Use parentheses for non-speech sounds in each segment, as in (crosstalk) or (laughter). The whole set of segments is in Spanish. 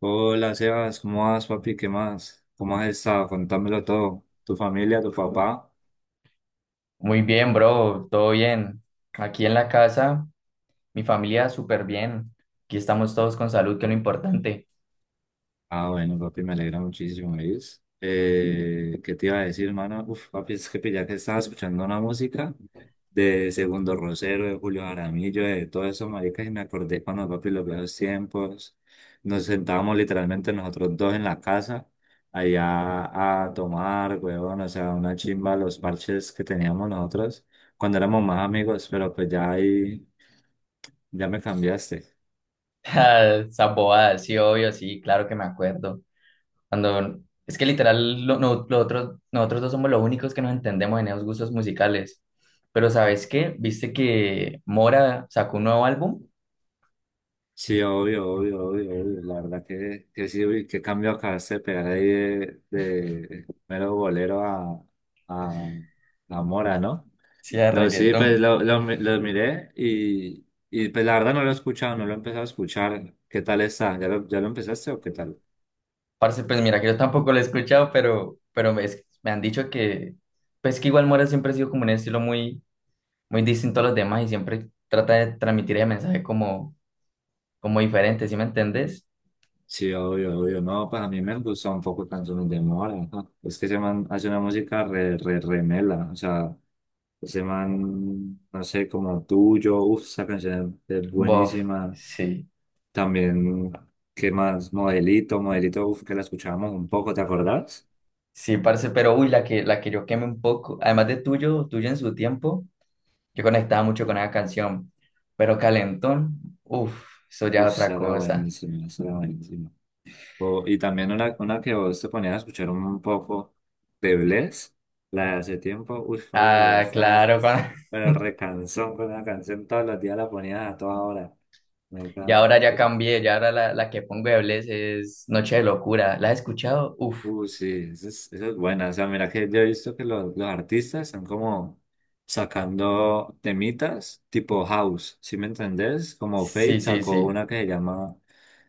Hola Sebas, ¿cómo vas, papi? ¿Qué más? ¿Cómo has estado? Contámelo todo. ¿Tu familia, tu papá? Muy bien, bro, todo bien. Aquí en la casa, mi familia súper bien. Aquí estamos todos con salud, que es lo importante. (laughs) Ah, bueno, papi, me alegra muchísimo, ¿ves? ¿Qué te iba a decir, hermano? Uf, papi, es que ya que estaba escuchando una música de Segundo Rosero, de Julio Jaramillo, de todo eso, maricas, y me acordé cuando, papi, los viejos tiempos, nos sentábamos literalmente nosotros dos en la casa, allá a tomar, huevón, o sea, una chimba, los parches que teníamos nosotros cuando éramos más amigos, pero pues ya ahí, ya me cambiaste. Ah, esa bobada, sí, obvio, sí, claro que me acuerdo. Cuando, es que literal, lo, no- lo otro- nosotros dos somos los únicos que nos entendemos en esos gustos musicales. Pero ¿sabes qué? ¿Viste que Mora sacó un nuevo álbum? Sí, obvio, obvio, obvio, obvio. La verdad que sí, uy, qué cambio acabaste de pegar ahí de mero bolero a, a Mora, ¿no? Sí, de No, sí, pues reggaetón. lo miré y pues la verdad no lo he escuchado, no lo he empezado a escuchar. ¿Qué tal está? ¿Ya lo empezaste o qué tal? Parce, pues mira que yo tampoco lo he escuchado, pero me han dicho que, pues que igual Mora siempre ha sido como un estilo muy muy distinto a los demás y siempre trata de transmitir el mensaje como diferente, ¿sí me entendés? Sí, obvio, obvio. No, pues a mí me gusta un poco Canciones de Mora. Ajá. Es que se man hace una música re, re, re mela. O sea, ese man, no sé, como tuyo. Uf, esa canción es Bof, buenísima. sí, También, ¿qué más? Modelito, Modelito, uf, que la escuchábamos un poco, ¿te acordás? sí, parce, pero uy, la que yo quemé un poco, además de tuyo en su tiempo, yo conectaba mucho con esa canción, pero Calentón, uff, eso ya es Uf, otra esa era cosa. buenísima, esa era buenísima. Y también una que vos te ponías a escuchar un poco de Bless, la de hace tiempo, uy, Fabio, pero ya Ah, claro, estás, cuando- pero recansón con una canción, todos los días la ponías a toda hora. Me (laughs) Y encanta. ahora ya cambié, ya ahora la que pongo de Bless es Noche de Locura, ¿la has escuchado? Uff, Sí, esa es buena. O sea, mira que yo he visto que los artistas están como sacando temitas tipo house, ¿sí me entendés? Como sí, Fate sí, sacó sí. una que se llama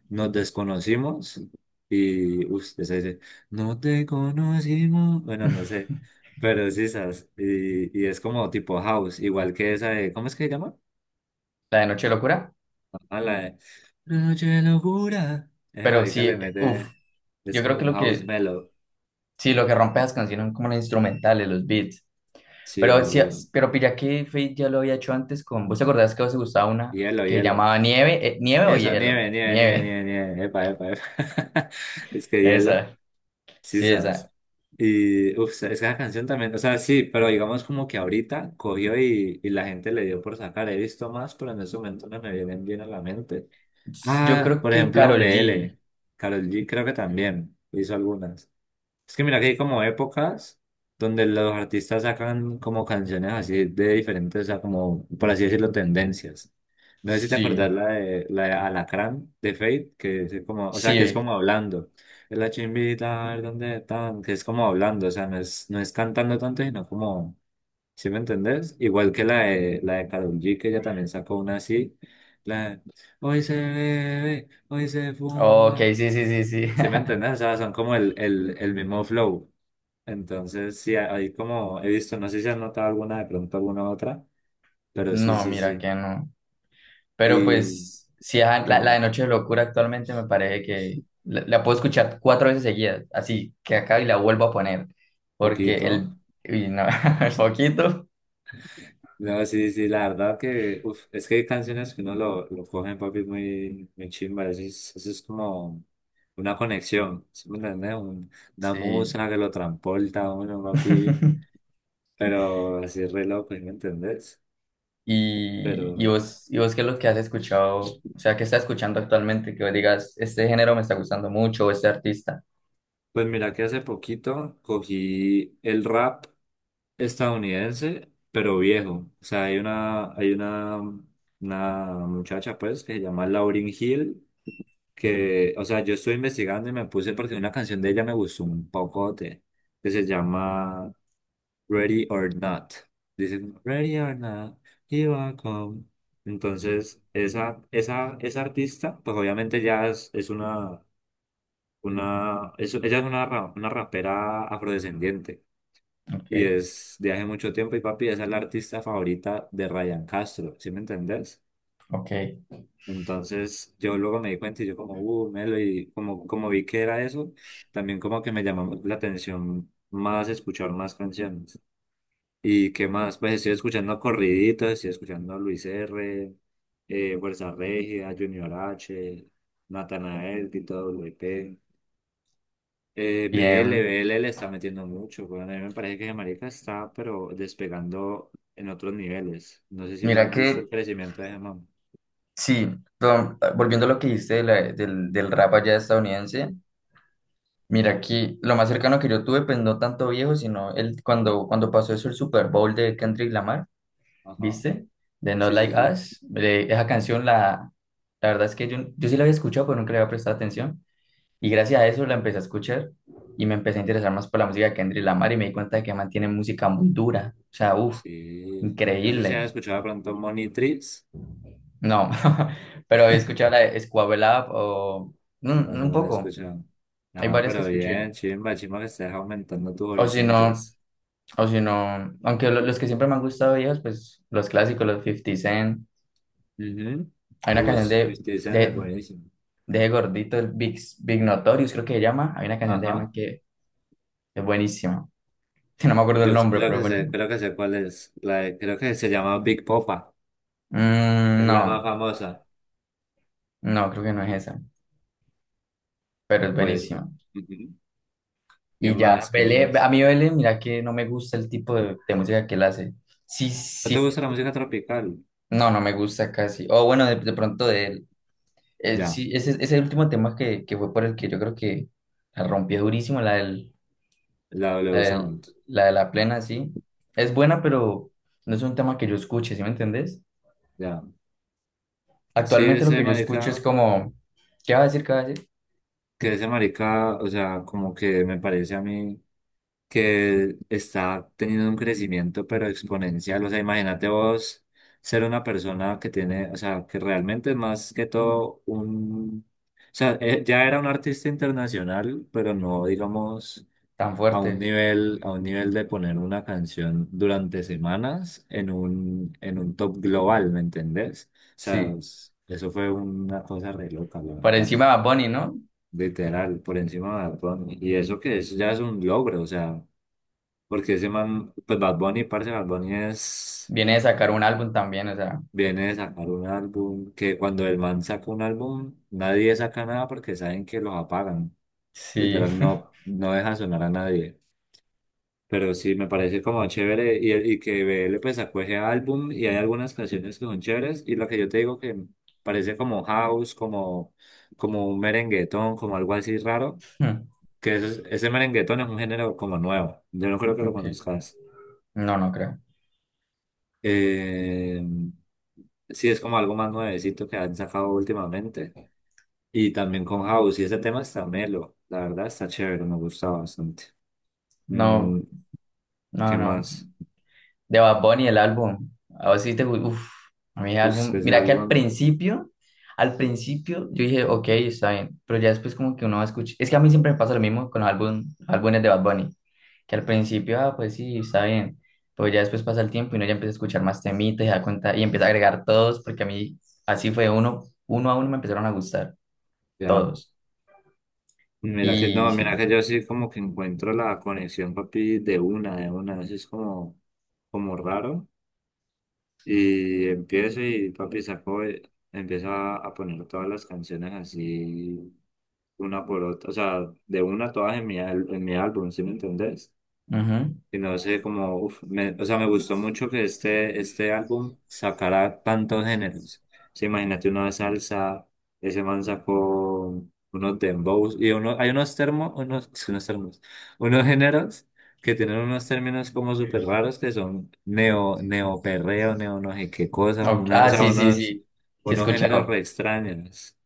Nos desconocimos y uff se dice, no te conocimos. Bueno, no sé, (laughs) pero sí, esas. Y es como tipo house, igual que esa de, ¿cómo es que se llama? La de Noche de Locura, Ah, la de Una noche de locura. Ese pero marica le sí, uff, mete, es yo creo como que un lo house que mellow. sí, lo que rompe las canciones son como los instrumentales, los beats. Sí, Pero sí, obvio. pero pilla que Fate ya lo había hecho antes con. ¿Vos te acordás que a vos te gustaba una Hielo, que hielo. llamaba Nieve? ¿Nieve o Eso, Hielo? nieve, nieve, nieve, Nieve. nieve, nieve. Epa, epa, epa. (laughs) Es (laughs) que hielo, Esa. sí Sí, sabes. esa. Y, uff, es que la canción también, o sea, sí, pero digamos como que ahorita cogió y la gente le dio por sacar. He visto más, pero en ese momento no me vienen bien a la mente. Yo Ah, creo por que ejemplo, Karol G. BL. Karol G creo que también hizo algunas. Es que mira que hay como épocas donde los artistas sacan como canciones así de diferentes, o sea, como, por así decirlo, tendencias. No sé si te Sí. acordás la de Alacrán de Fate, que es como, o sea, que es Sí. como hablando. Es la chimbita, a ver dónde están, que es como hablando, o sea, no es cantando tanto, sino como, ¿sí me entendés? Igual que la de Karol G, que ella también sacó una así, la de, hoy se bebe, hoy se Ok, fuma. sí, sí, sí, sí. ¿Sí me (laughs) entendés? O sea, son como el mismo flow. Entonces, sí, ahí como he visto, no sé si has notado alguna, de pronto alguna otra, pero No, sí, sí, mira sí. que no. Pero Y pues, sí, ajá, qué la de mal, Noche de Locura actualmente me parece que la puedo escuchar cuatro veces seguidas, así que acá y la vuelvo a poner, porque poquito. el, uy, no, (laughs) el poquito, No, sí, sí, la verdad que, uf, es que hay canciones que uno lo coge, papi, muy, muy chimba. Eso es como una conexión, ¿sí me entiendes? Una sí. música que lo transporta a uno, papi, (laughs) pero así re loco, ¿sí ¿me entendés? Y, y Pero, vos, y vos, ¿qué es lo que has escuchado? O sea, ¿qué estás escuchando actualmente? Que vos digas, este género me está gustando mucho, o este artista. pues mira que hace poquito cogí el rap. Estadounidense, pero viejo. O sea, hay una muchacha, pues, que se llama Lauryn Hill, que, o sea, yo estuve investigando y me puse porque una canción de ella me gustó un pocote, que se llama Ready or Not. Dicen, Ready or Not, here I come. Entonces, esa artista, pues obviamente ya es una, es- ella es una rapera afrodescendiente. Y Ok, es de hace mucho tiempo y papi, esa es la artista favorita de Ryan Castro, ¿sí me entendés? ok, Entonces yo luego me di cuenta y yo como, Melo, y como, como vi que era eso, también como que me llamó la atención más escuchar más canciones. ¿Y qué más? Pues estoy escuchando corriditos, estoy escuchando a Luis R., Fuerza Regida, Junior H., Natanael, Tito W P. BL, bien. BL le está metiendo mucho, weón. A mí me parece que ese marica está, pero despegando en otros niveles. No sé si lo Mira has visto el que, crecimiento de ese man. sí, volviendo a lo que dijiste de del rap allá estadounidense. Mira, aquí lo más cercano que yo tuve, pues no tanto viejo, sino el, cuando pasó eso el Super Bowl de Kendrick Lamar, Ajá. ¿viste? De No Sí, Like sí, sí. Us. Esa canción, la verdad es que yo sí la había escuchado, pero nunca le había prestado atención. Y gracias a eso la empecé a escuchar y me empecé a interesar más por la música de Kendrick Lamar y me di cuenta de que mantiene música muy dura. O sea, uff, Sí. No sé si increíble. has escuchado de pronto Monitrix. No, (laughs) pero he escuchado la de Squabble Up o No mm, sé, un no lo has poco. escuchado. Hay No, varias que pero escuché. bien, chimba, chimba que estés aumentando tus O si no. horizontes. O si no, aunque los que siempre me han gustado ellos, pues los clásicos, los Fifty Cent. Mhm. Hay una canción Es de, buenísimo. de Gordito, el Big, Big Notorious, creo que se llama. Hay una canción de Emma Ajá. que es buenísima. (laughs) No me acuerdo el Yo nombre, pero es buenísima. creo que sé cuál es. La de- creo que se llama Big Popa. Mm, Es la más no, famosa. no, creo que no es esa, pero es Pues. buenísima. Ujú. ¿Qué Y ya, más? ¿Qué Belé, más? a mí Belé, mira que no me gusta el tipo de música que él hace. Sí, ¿No te sí, gusta la música tropical? no, no me gusta casi. O bueno, de pronto de él. Ya, Sí, ese es el último tema que fue por el que yo creo que la rompió durísimo, la la W del- Sound. la de la plena, sí. Es buena, Ya. pero no es un tema que yo escuche, ¿sí me entendés? Ya. Sí, Actualmente lo ese que yo escucho es marica, como, ¿qué va a decir, qué va a decir? que ese marica, o sea, como que me parece a mí que está teniendo un crecimiento, pero exponencial. O sea, imagínate vos ser una persona que tiene, o sea, que realmente es más que todo un... O sea, ya era un artista internacional, pero no, digamos... Tan A un fuerte, nivel, a un nivel de poner una canción durante semanas en un top global, ¿me entendés? O sea, sí. es- eso fue una cosa re loca, la Por verdad. encima de Bad Bunny, ¿no? Literal, por encima de Bad Bunny. Y eso que eso ya es un logro, o sea, porque ese man, pues Bad Bunny, parce, Bad Bunny es, Viene de sacar un álbum también, o sea, viene de sacar un álbum, que cuando el man saca un álbum, nadie saca nada porque saben que los apagan. sí. Literal, no, no deja sonar a nadie. Pero sí, me parece como chévere y que B L pues sacó ese álbum y hay algunas canciones que son chéveres y lo que yo te digo que parece como house, como, como un merenguetón, como algo así raro, (laughs) que ese merenguetón es un género como nuevo, yo no creo que lo Ok, conozcas. no, no creo. Eh, sí, es como algo más nuevecito que han sacado últimamente y también con house y ese tema está melo, la verdad está chévere, me gusta bastante. No, Mm, no, ¿Qué no. más? De Bad Bunny, el álbum. A vos sí uf, a mí el Pues, álbum. ese Mira que al álbum, principio, al principio yo dije, ok, está bien, pero ya después como que uno va a escuchar. Es que a mí siempre me pasa lo mismo con los álbumes de Bad Bunny, que al principio, ah, pues sí, está bien, pero ya después pasa el tiempo y uno ya empieza a escuchar más temitas y da cuenta y empieza a agregar todos, porque a mí así fue uno a uno me empezaron a gustar, ya. todos. Mira que Y no, mira sí. que yo sí como que encuentro la conexión, papi, de una, así es como, como raro. Y empiezo y papi saco, empieza a poner todas las canciones así, una por otra, o sea, de una todas en mi, al- en mi álbum, ¿sí me entendés? Ujú. Sino sé, como, uf, me- o sea, me gustó mucho que este álbum sacara tantos géneros. Sí, imagínate una salsa, ese man sacó unos dembows y uno, hay unos termos, unos, (laughs) unos termos, unos géneros que tienen unos términos como súper raros que son neo, neoperreo, neo no sé qué cosas, Ok, una- o ah, sea, sí, sí, unos, sí, sí he unos géneros escuchado. re extraños.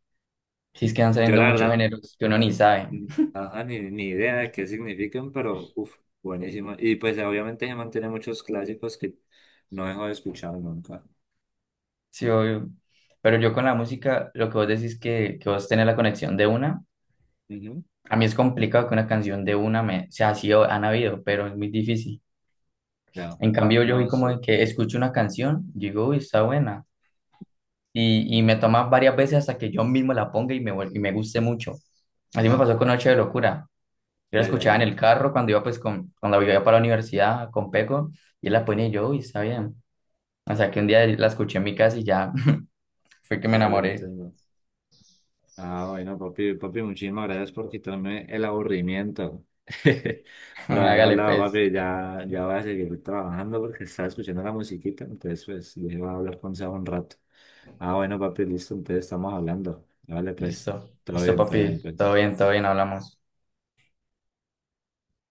Sí, es que van Yo saliendo la muchos verdad géneros que uno ni sabe. ajá, ni idea de qué significan, pero uff, buenísimo. Y pues obviamente se mantiene muchos clásicos que no dejo de escuchar nunca. Sí, obvio. Pero yo con la música, lo que vos decís que vos tenés la conexión de una, Ujú. a mí es complicado que una canción de una me, o sea así, han habido, pero es muy difícil. Ya, En cambio, yo vi no, como de sí, que escucho una canción, digo, uy, está buena. Y me toma varias veces hasta que yo mismo la ponga y me guste mucho. Así me ya, pasó con Noche de Locura. Yo la ya, ya, escuchaba en ya, el carro cuando iba, pues, cuando iba para la universidad con Peco, y él la ponía y yo, uy, está bien. O sea, que un día la escuché en mi casa y ya (laughs) fue que me ya, ya enamoré. entiendo. Ah, bueno, papi, papi, muchísimas gracias por quitarme el aburrimiento. (laughs) (laughs) Por haber Hágale, hablado, pues. papi, ya, ya voy a seguir trabajando porque estaba escuchando la musiquita, entonces pues dije, voy a hablar con Seba un rato. Ah, bueno, papi, listo, entonces estamos hablando. Vale, pues, Listo, listo, todo bien, papi. Pues. Todo bien, hablamos.